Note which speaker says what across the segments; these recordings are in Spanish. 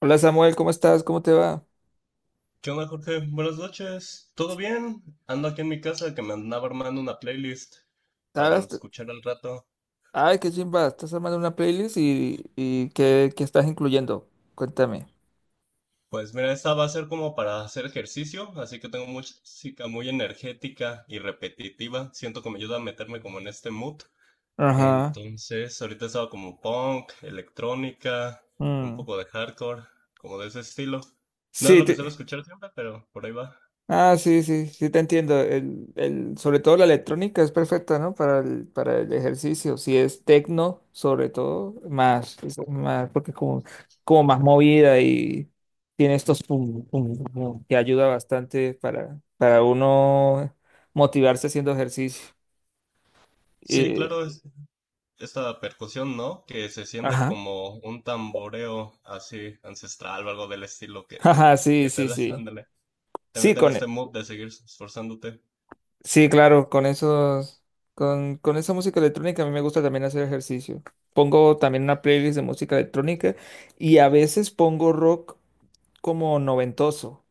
Speaker 1: Hola Samuel, ¿cómo estás? ¿Cómo te va?
Speaker 2: ¿Qué onda, Jorge? Buenas noches. ¿Todo bien? Ando aquí en mi casa que me andaba armando una playlist para
Speaker 1: ¿Sabes?
Speaker 2: escuchar al rato.
Speaker 1: Ay, qué chimba, estás armando una playlist y ¿qué estás incluyendo? Cuéntame.
Speaker 2: Pues mira, esta va a ser como para hacer ejercicio, así que tengo música muy energética y repetitiva. Siento que me ayuda a meterme como en este mood.
Speaker 1: Ajá.
Speaker 2: Entonces, ahorita estaba como punk, electrónica, un
Speaker 1: mm.
Speaker 2: poco de hardcore, como de ese estilo. No es
Speaker 1: Sí,
Speaker 2: lo que suelo
Speaker 1: te-
Speaker 2: escuchar siempre, pero por ahí va.
Speaker 1: ah, sí, sí, sí te entiendo. Sobre todo la electrónica es perfecta, ¿no? Para para el ejercicio. Si es tecno, sobre todo, es más, porque es como, como más movida y tiene estos pum, pum, pum, que ayuda bastante para uno motivarse haciendo ejercicio.
Speaker 2: Sí, claro, esta percusión, ¿no? Que se siente
Speaker 1: Ajá.
Speaker 2: como un tamboreo así ancestral o algo del estilo
Speaker 1: Ajá, sí,
Speaker 2: que te
Speaker 1: sí,
Speaker 2: das,
Speaker 1: sí.
Speaker 2: ándale. Te
Speaker 1: Sí,
Speaker 2: mete en
Speaker 1: con,
Speaker 2: este
Speaker 1: e-
Speaker 2: mood de seguir esforzándote.
Speaker 1: sí, claro, con esos, con esa música electrónica a mí me gusta también hacer ejercicio. Pongo también una playlist de música electrónica, y a veces pongo rock como noventoso.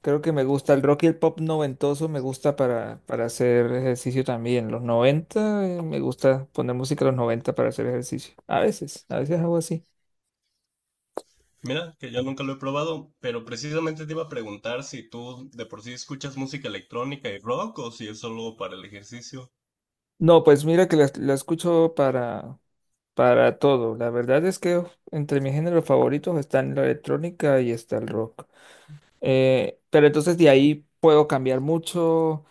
Speaker 1: Creo que me gusta el rock y el pop noventoso, me gusta para hacer ejercicio también. Los noventa, me gusta poner música de los 90 para hacer ejercicio. A veces hago así.
Speaker 2: Mira, que yo nunca lo he probado, pero precisamente te iba a preguntar si tú de por sí escuchas música electrónica y rock o si es solo para el ejercicio.
Speaker 1: No, pues mira que la escucho para todo. La verdad es que entre mis géneros favoritos están la electrónica y está el rock. Pero entonces de ahí puedo cambiar mucho,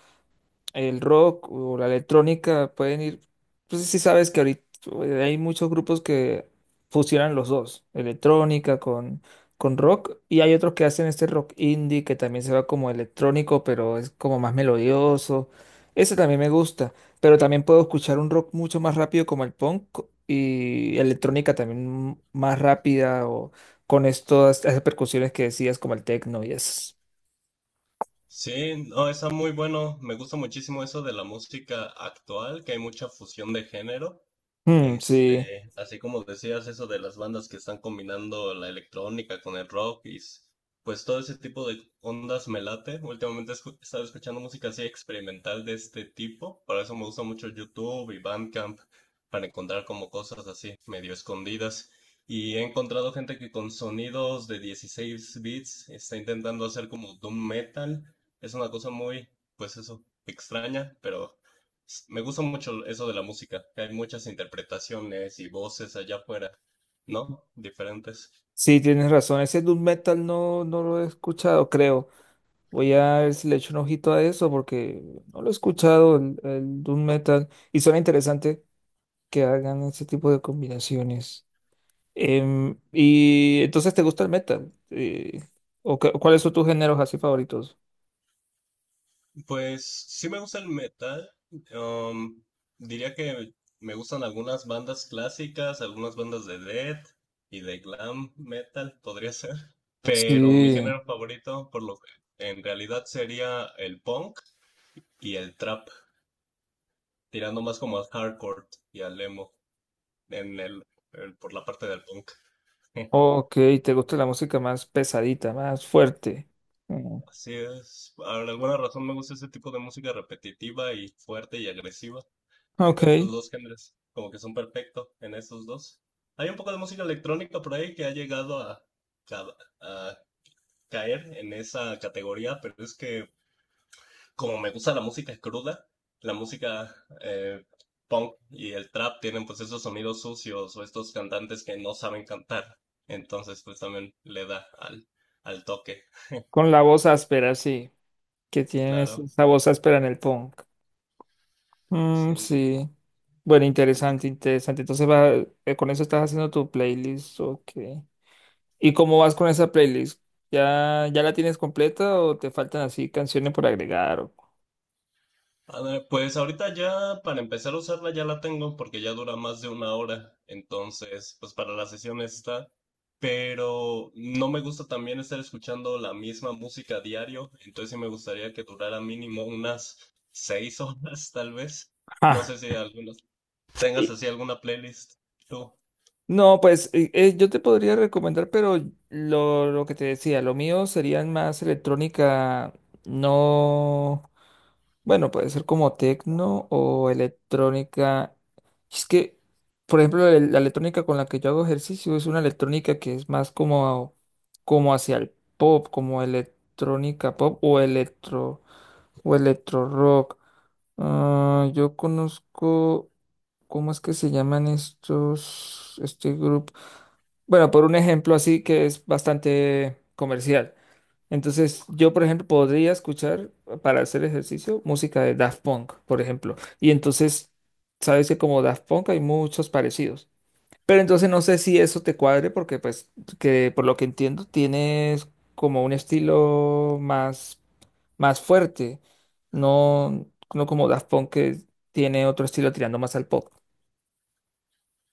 Speaker 1: el rock o la electrónica pueden ir, pues sí sabes que ahorita, hay muchos grupos que fusionan los dos, electrónica con rock, y hay otros que hacen este rock indie que también se va como electrónico, pero es como más melodioso. Ese también me gusta, pero también puedo escuchar un rock mucho más rápido como el punk, y electrónica también más rápida, o con estas esas percusiones que decías como el techno y eso.
Speaker 2: Sí, no, está muy bueno. Me gusta muchísimo eso de la música actual, que hay mucha fusión de género.
Speaker 1: Mm, sí.
Speaker 2: Este, así como decías eso de las bandas que están combinando la electrónica con el rock pues todo ese tipo de ondas me late. Últimamente he estado escuchando música así experimental de este tipo. Por eso me gusta mucho YouTube y Bandcamp para encontrar como cosas así medio escondidas. Y he encontrado gente que con sonidos de 16 bits está intentando hacer como doom metal. Es una cosa pues eso, extraña, pero me gusta mucho eso de la música, que hay muchas interpretaciones y voces allá afuera, ¿no? Diferentes.
Speaker 1: Sí, tienes razón. Ese doom metal no lo he escuchado, creo. Voy a ver si le echo un ojito a eso, porque no lo he escuchado, el doom metal. Y suena interesante que hagan ese tipo de combinaciones. Y entonces, ¿te gusta el metal? ¿O cuáles son tus géneros así favoritos?
Speaker 2: Pues sí me gusta el metal. um, Diría que me gustan algunas bandas clásicas, algunas bandas de death y de glam metal, podría ser. Pero mi
Speaker 1: Sí,
Speaker 2: género favorito, por lo que en realidad sería el punk y el trap, tirando más como al hardcore y al emo. en el, por la parte del punk.
Speaker 1: ok, te gusta la música más pesadita, más fuerte. Mm,
Speaker 2: Así es. Por alguna razón me gusta ese tipo de música repetitiva y fuerte y agresiva.
Speaker 1: ok,
Speaker 2: Entonces los dos géneros como que son perfectos en esos dos. Hay un poco de música electrónica por ahí que ha llegado ca- a caer en esa categoría, pero es que como me gusta la música cruda, la música eh, punk y el trap tienen pues esos sonidos sucios o estos cantantes que no saben cantar. Entonces pues también le da al toque,
Speaker 1: con la voz áspera, sí, que tienen
Speaker 2: claro.
Speaker 1: esa voz áspera en el punk. Mm,
Speaker 2: Sí.
Speaker 1: sí. Bueno,
Speaker 2: ¿Y tú?
Speaker 1: interesante, interesante. Entonces va, con eso estás haciendo tu playlist, ok. ¿Y cómo vas con esa playlist? Ya la tienes completa o te faltan así canciones por agregar? O...
Speaker 2: A ver, pues ahorita ya para empezar a usarla ya la tengo porque ya dura más de una hora, entonces pues para la sesión está, pero no me gusta también estar escuchando la misma música diario, entonces sí me gustaría que durara mínimo unas 6 horas tal vez. No
Speaker 1: Ah.
Speaker 2: sé si algunos tengas así alguna playlist tú.
Speaker 1: No, pues yo te podría recomendar, pero lo que te decía, lo mío serían más electrónica. No, bueno, puede ser como tecno o electrónica. Es que, por ejemplo, la electrónica con la que yo hago ejercicio es una electrónica que es más como, como hacia el pop, como electrónica pop o electro rock. Ah, yo conozco, ¿cómo es que se llaman este grupo? Bueno, por un ejemplo así que es bastante comercial. Entonces, yo, por ejemplo, podría escuchar para hacer ejercicio música de Daft Punk, por ejemplo. Y entonces, sabes que como Daft Punk hay muchos parecidos. Pero entonces no sé si eso te cuadre, porque pues, que por lo que entiendo, tienes como un estilo más, más fuerte. No, no como Daft Punk que tiene otro estilo tirando más al pop.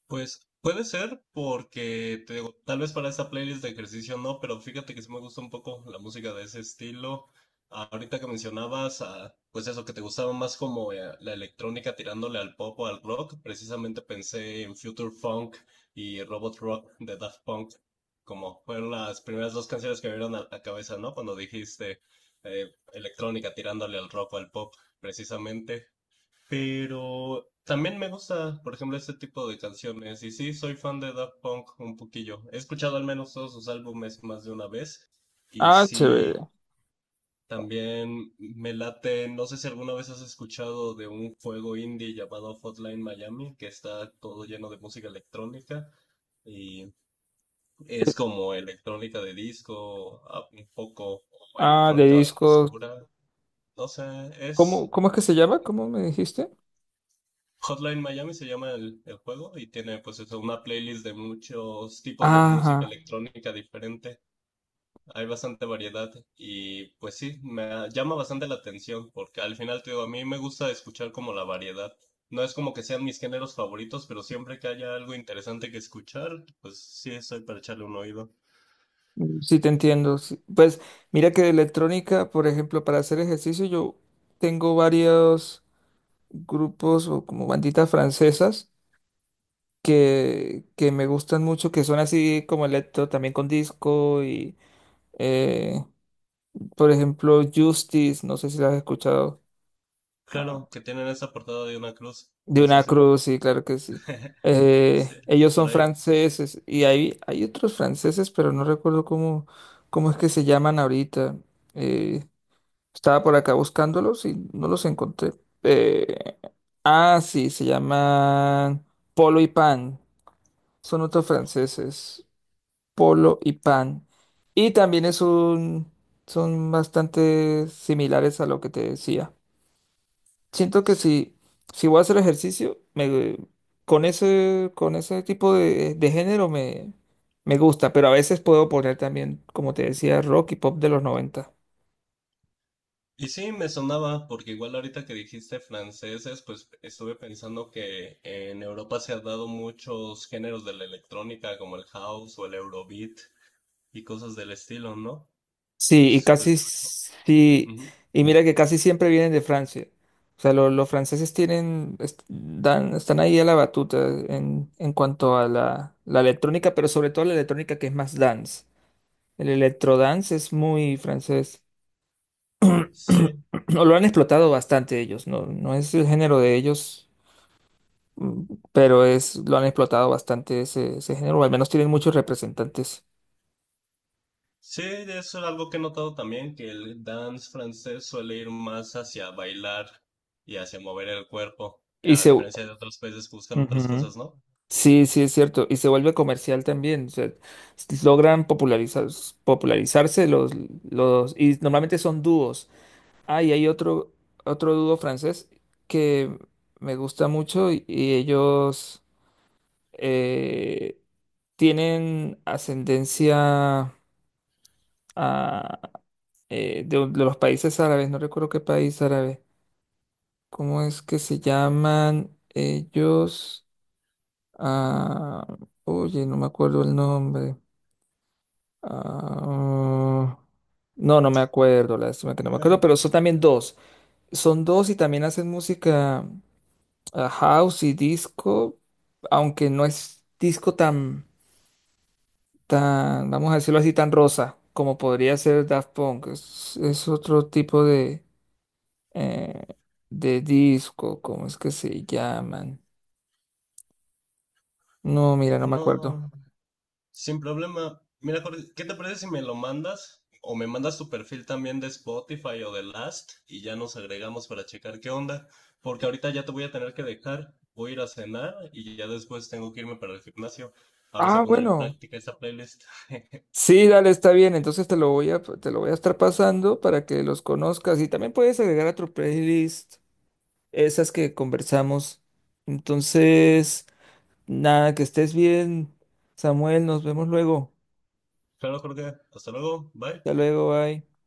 Speaker 2: Pues puede ser porque te digo, tal vez para esta playlist de ejercicio no, pero fíjate que sí me gusta un poco la música de ese estilo. Ahorita que mencionabas, ah, pues eso que te gustaba más como la electrónica tirándole al pop o al rock, precisamente pensé en Future Funk y Robot Rock de Daft Punk, como fueron las primeras dos canciones que me vieron a la cabeza, ¿no? Cuando dijiste electrónica tirándole al rock o al pop, precisamente. Pero también me gusta, por ejemplo, este tipo de canciones. Y sí, soy fan de Daft Punk un poquillo. He escuchado al menos todos sus álbumes más de una vez. Y
Speaker 1: Ah,
Speaker 2: sí,
Speaker 1: chévere.
Speaker 2: también me late. No sé si alguna vez has escuchado de un juego indie llamado Hotline Miami, que está todo lleno de música electrónica. Y es como electrónica de disco, un poco como
Speaker 1: Ah, de
Speaker 2: electrónica
Speaker 1: disco.
Speaker 2: oscura. No sé, es.
Speaker 1: Cómo es que se llama? ¿Cómo me dijiste?
Speaker 2: Hotline Miami se llama el juego y tiene pues eso, una playlist de muchos tipos de música
Speaker 1: Ajá,
Speaker 2: electrónica diferente. Hay bastante variedad y pues sí, llama bastante la atención porque al final te digo, a mí me gusta escuchar como la variedad. No es como que sean mis géneros favoritos, pero siempre que haya algo interesante que escuchar, pues sí, estoy para echarle un oído.
Speaker 1: sí te entiendo. Sí. Pues mira que de electrónica, por ejemplo, para hacer ejercicio yo tengo varios grupos o como banditas francesas que me gustan mucho, que son así como electro, también con disco y, eh, por ejemplo, Justice, no sé si las has escuchado.
Speaker 2: Claro, que tienen esa portada de una cruz,
Speaker 1: De
Speaker 2: ¿no es
Speaker 1: una
Speaker 2: así?
Speaker 1: cruz, sí, claro que sí.
Speaker 2: Sí,
Speaker 1: Ellos
Speaker 2: por
Speaker 1: son
Speaker 2: ahí.
Speaker 1: franceses y hay otros franceses, pero no recuerdo cómo, cómo es que se llaman ahorita. Eh, Estaba por acá buscándolos y no los encontré. Eh, ah, sí, se llaman Polo y Pan. Son otros franceses, Polo y Pan. Y también son bastante similares a lo que te decía. Siento que si voy a hacer ejercicio, con ese tipo de género me gusta, pero a veces puedo poner también, como te decía, rock y pop de los noventa.
Speaker 2: Y sí, me sonaba, porque igual ahorita que dijiste franceses, pues estuve pensando que en Europa se han dado muchos géneros de la electrónica, como el house o el eurobeat y cosas del estilo, ¿no? Es, pues,
Speaker 1: Sí,
Speaker 2: ujú.
Speaker 1: y mira que casi siempre vienen de Francia. O sea, los franceses tienen, dan, están ahí a la batuta en cuanto a la electrónica, pero sobre todo la electrónica que es más dance. El electrodance es muy francés.
Speaker 2: Sí,
Speaker 1: Lo han explotado bastante ellos. No, no es el género de ellos, mm, pero es, lo han explotado bastante ese género, o al menos tienen muchos representantes.
Speaker 2: sí, eso es algo que he notado también, que el dance francés suele ir más hacia bailar y hacia mover el cuerpo, a
Speaker 1: Ujú.
Speaker 2: diferencia de otros países que buscan otras cosas, ¿no?
Speaker 1: Sí, sí, es cierto, y se vuelve comercial también, o sea, logran popularizarse los, y normalmente son dúos. Ah, y hay otro dúo francés que me gusta mucho, y ellos, eh, tienen ascendencia a, de, de los países árabes, no recuerdo qué país árabe, ¿cómo es que se llaman ellos? Ah, oye, no me acuerdo el nombre. Ah, no, no me acuerdo, lástima que no me acuerdo, pero son también dos. Son dos y también hacen música, house y disco, aunque no es disco tan, tan, vamos a decirlo así, tan rosa como podría ser Daft Punk. Es otro tipo de, eh, de disco. ¿Cómo es que se llaman? No, mira, no me acuerdo.
Speaker 2: No, sin problema. Mira, Jorge, ¿qué te parece si me lo mandas? O me mandas tu perfil también de Spotify o de Last y ya nos agregamos para checar qué onda. Porque ahorita ya te voy a tener que dejar. Voy a ir a cenar y ya después tengo que irme para el gimnasio. Ahora se
Speaker 1: Ah,
Speaker 2: a poner en
Speaker 1: bueno.
Speaker 2: práctica esta playlist.
Speaker 1: Sí, dale, está bien. Entonces te lo voy a estar pasando para que los conozcas. Y también puedes agregar a tu playlist esas que conversamos. Entonces, nada, que estés bien, Samuel. Nos vemos luego.
Speaker 2: Claro, Jorge. Hasta luego. Bye.
Speaker 1: Hasta luego, bye.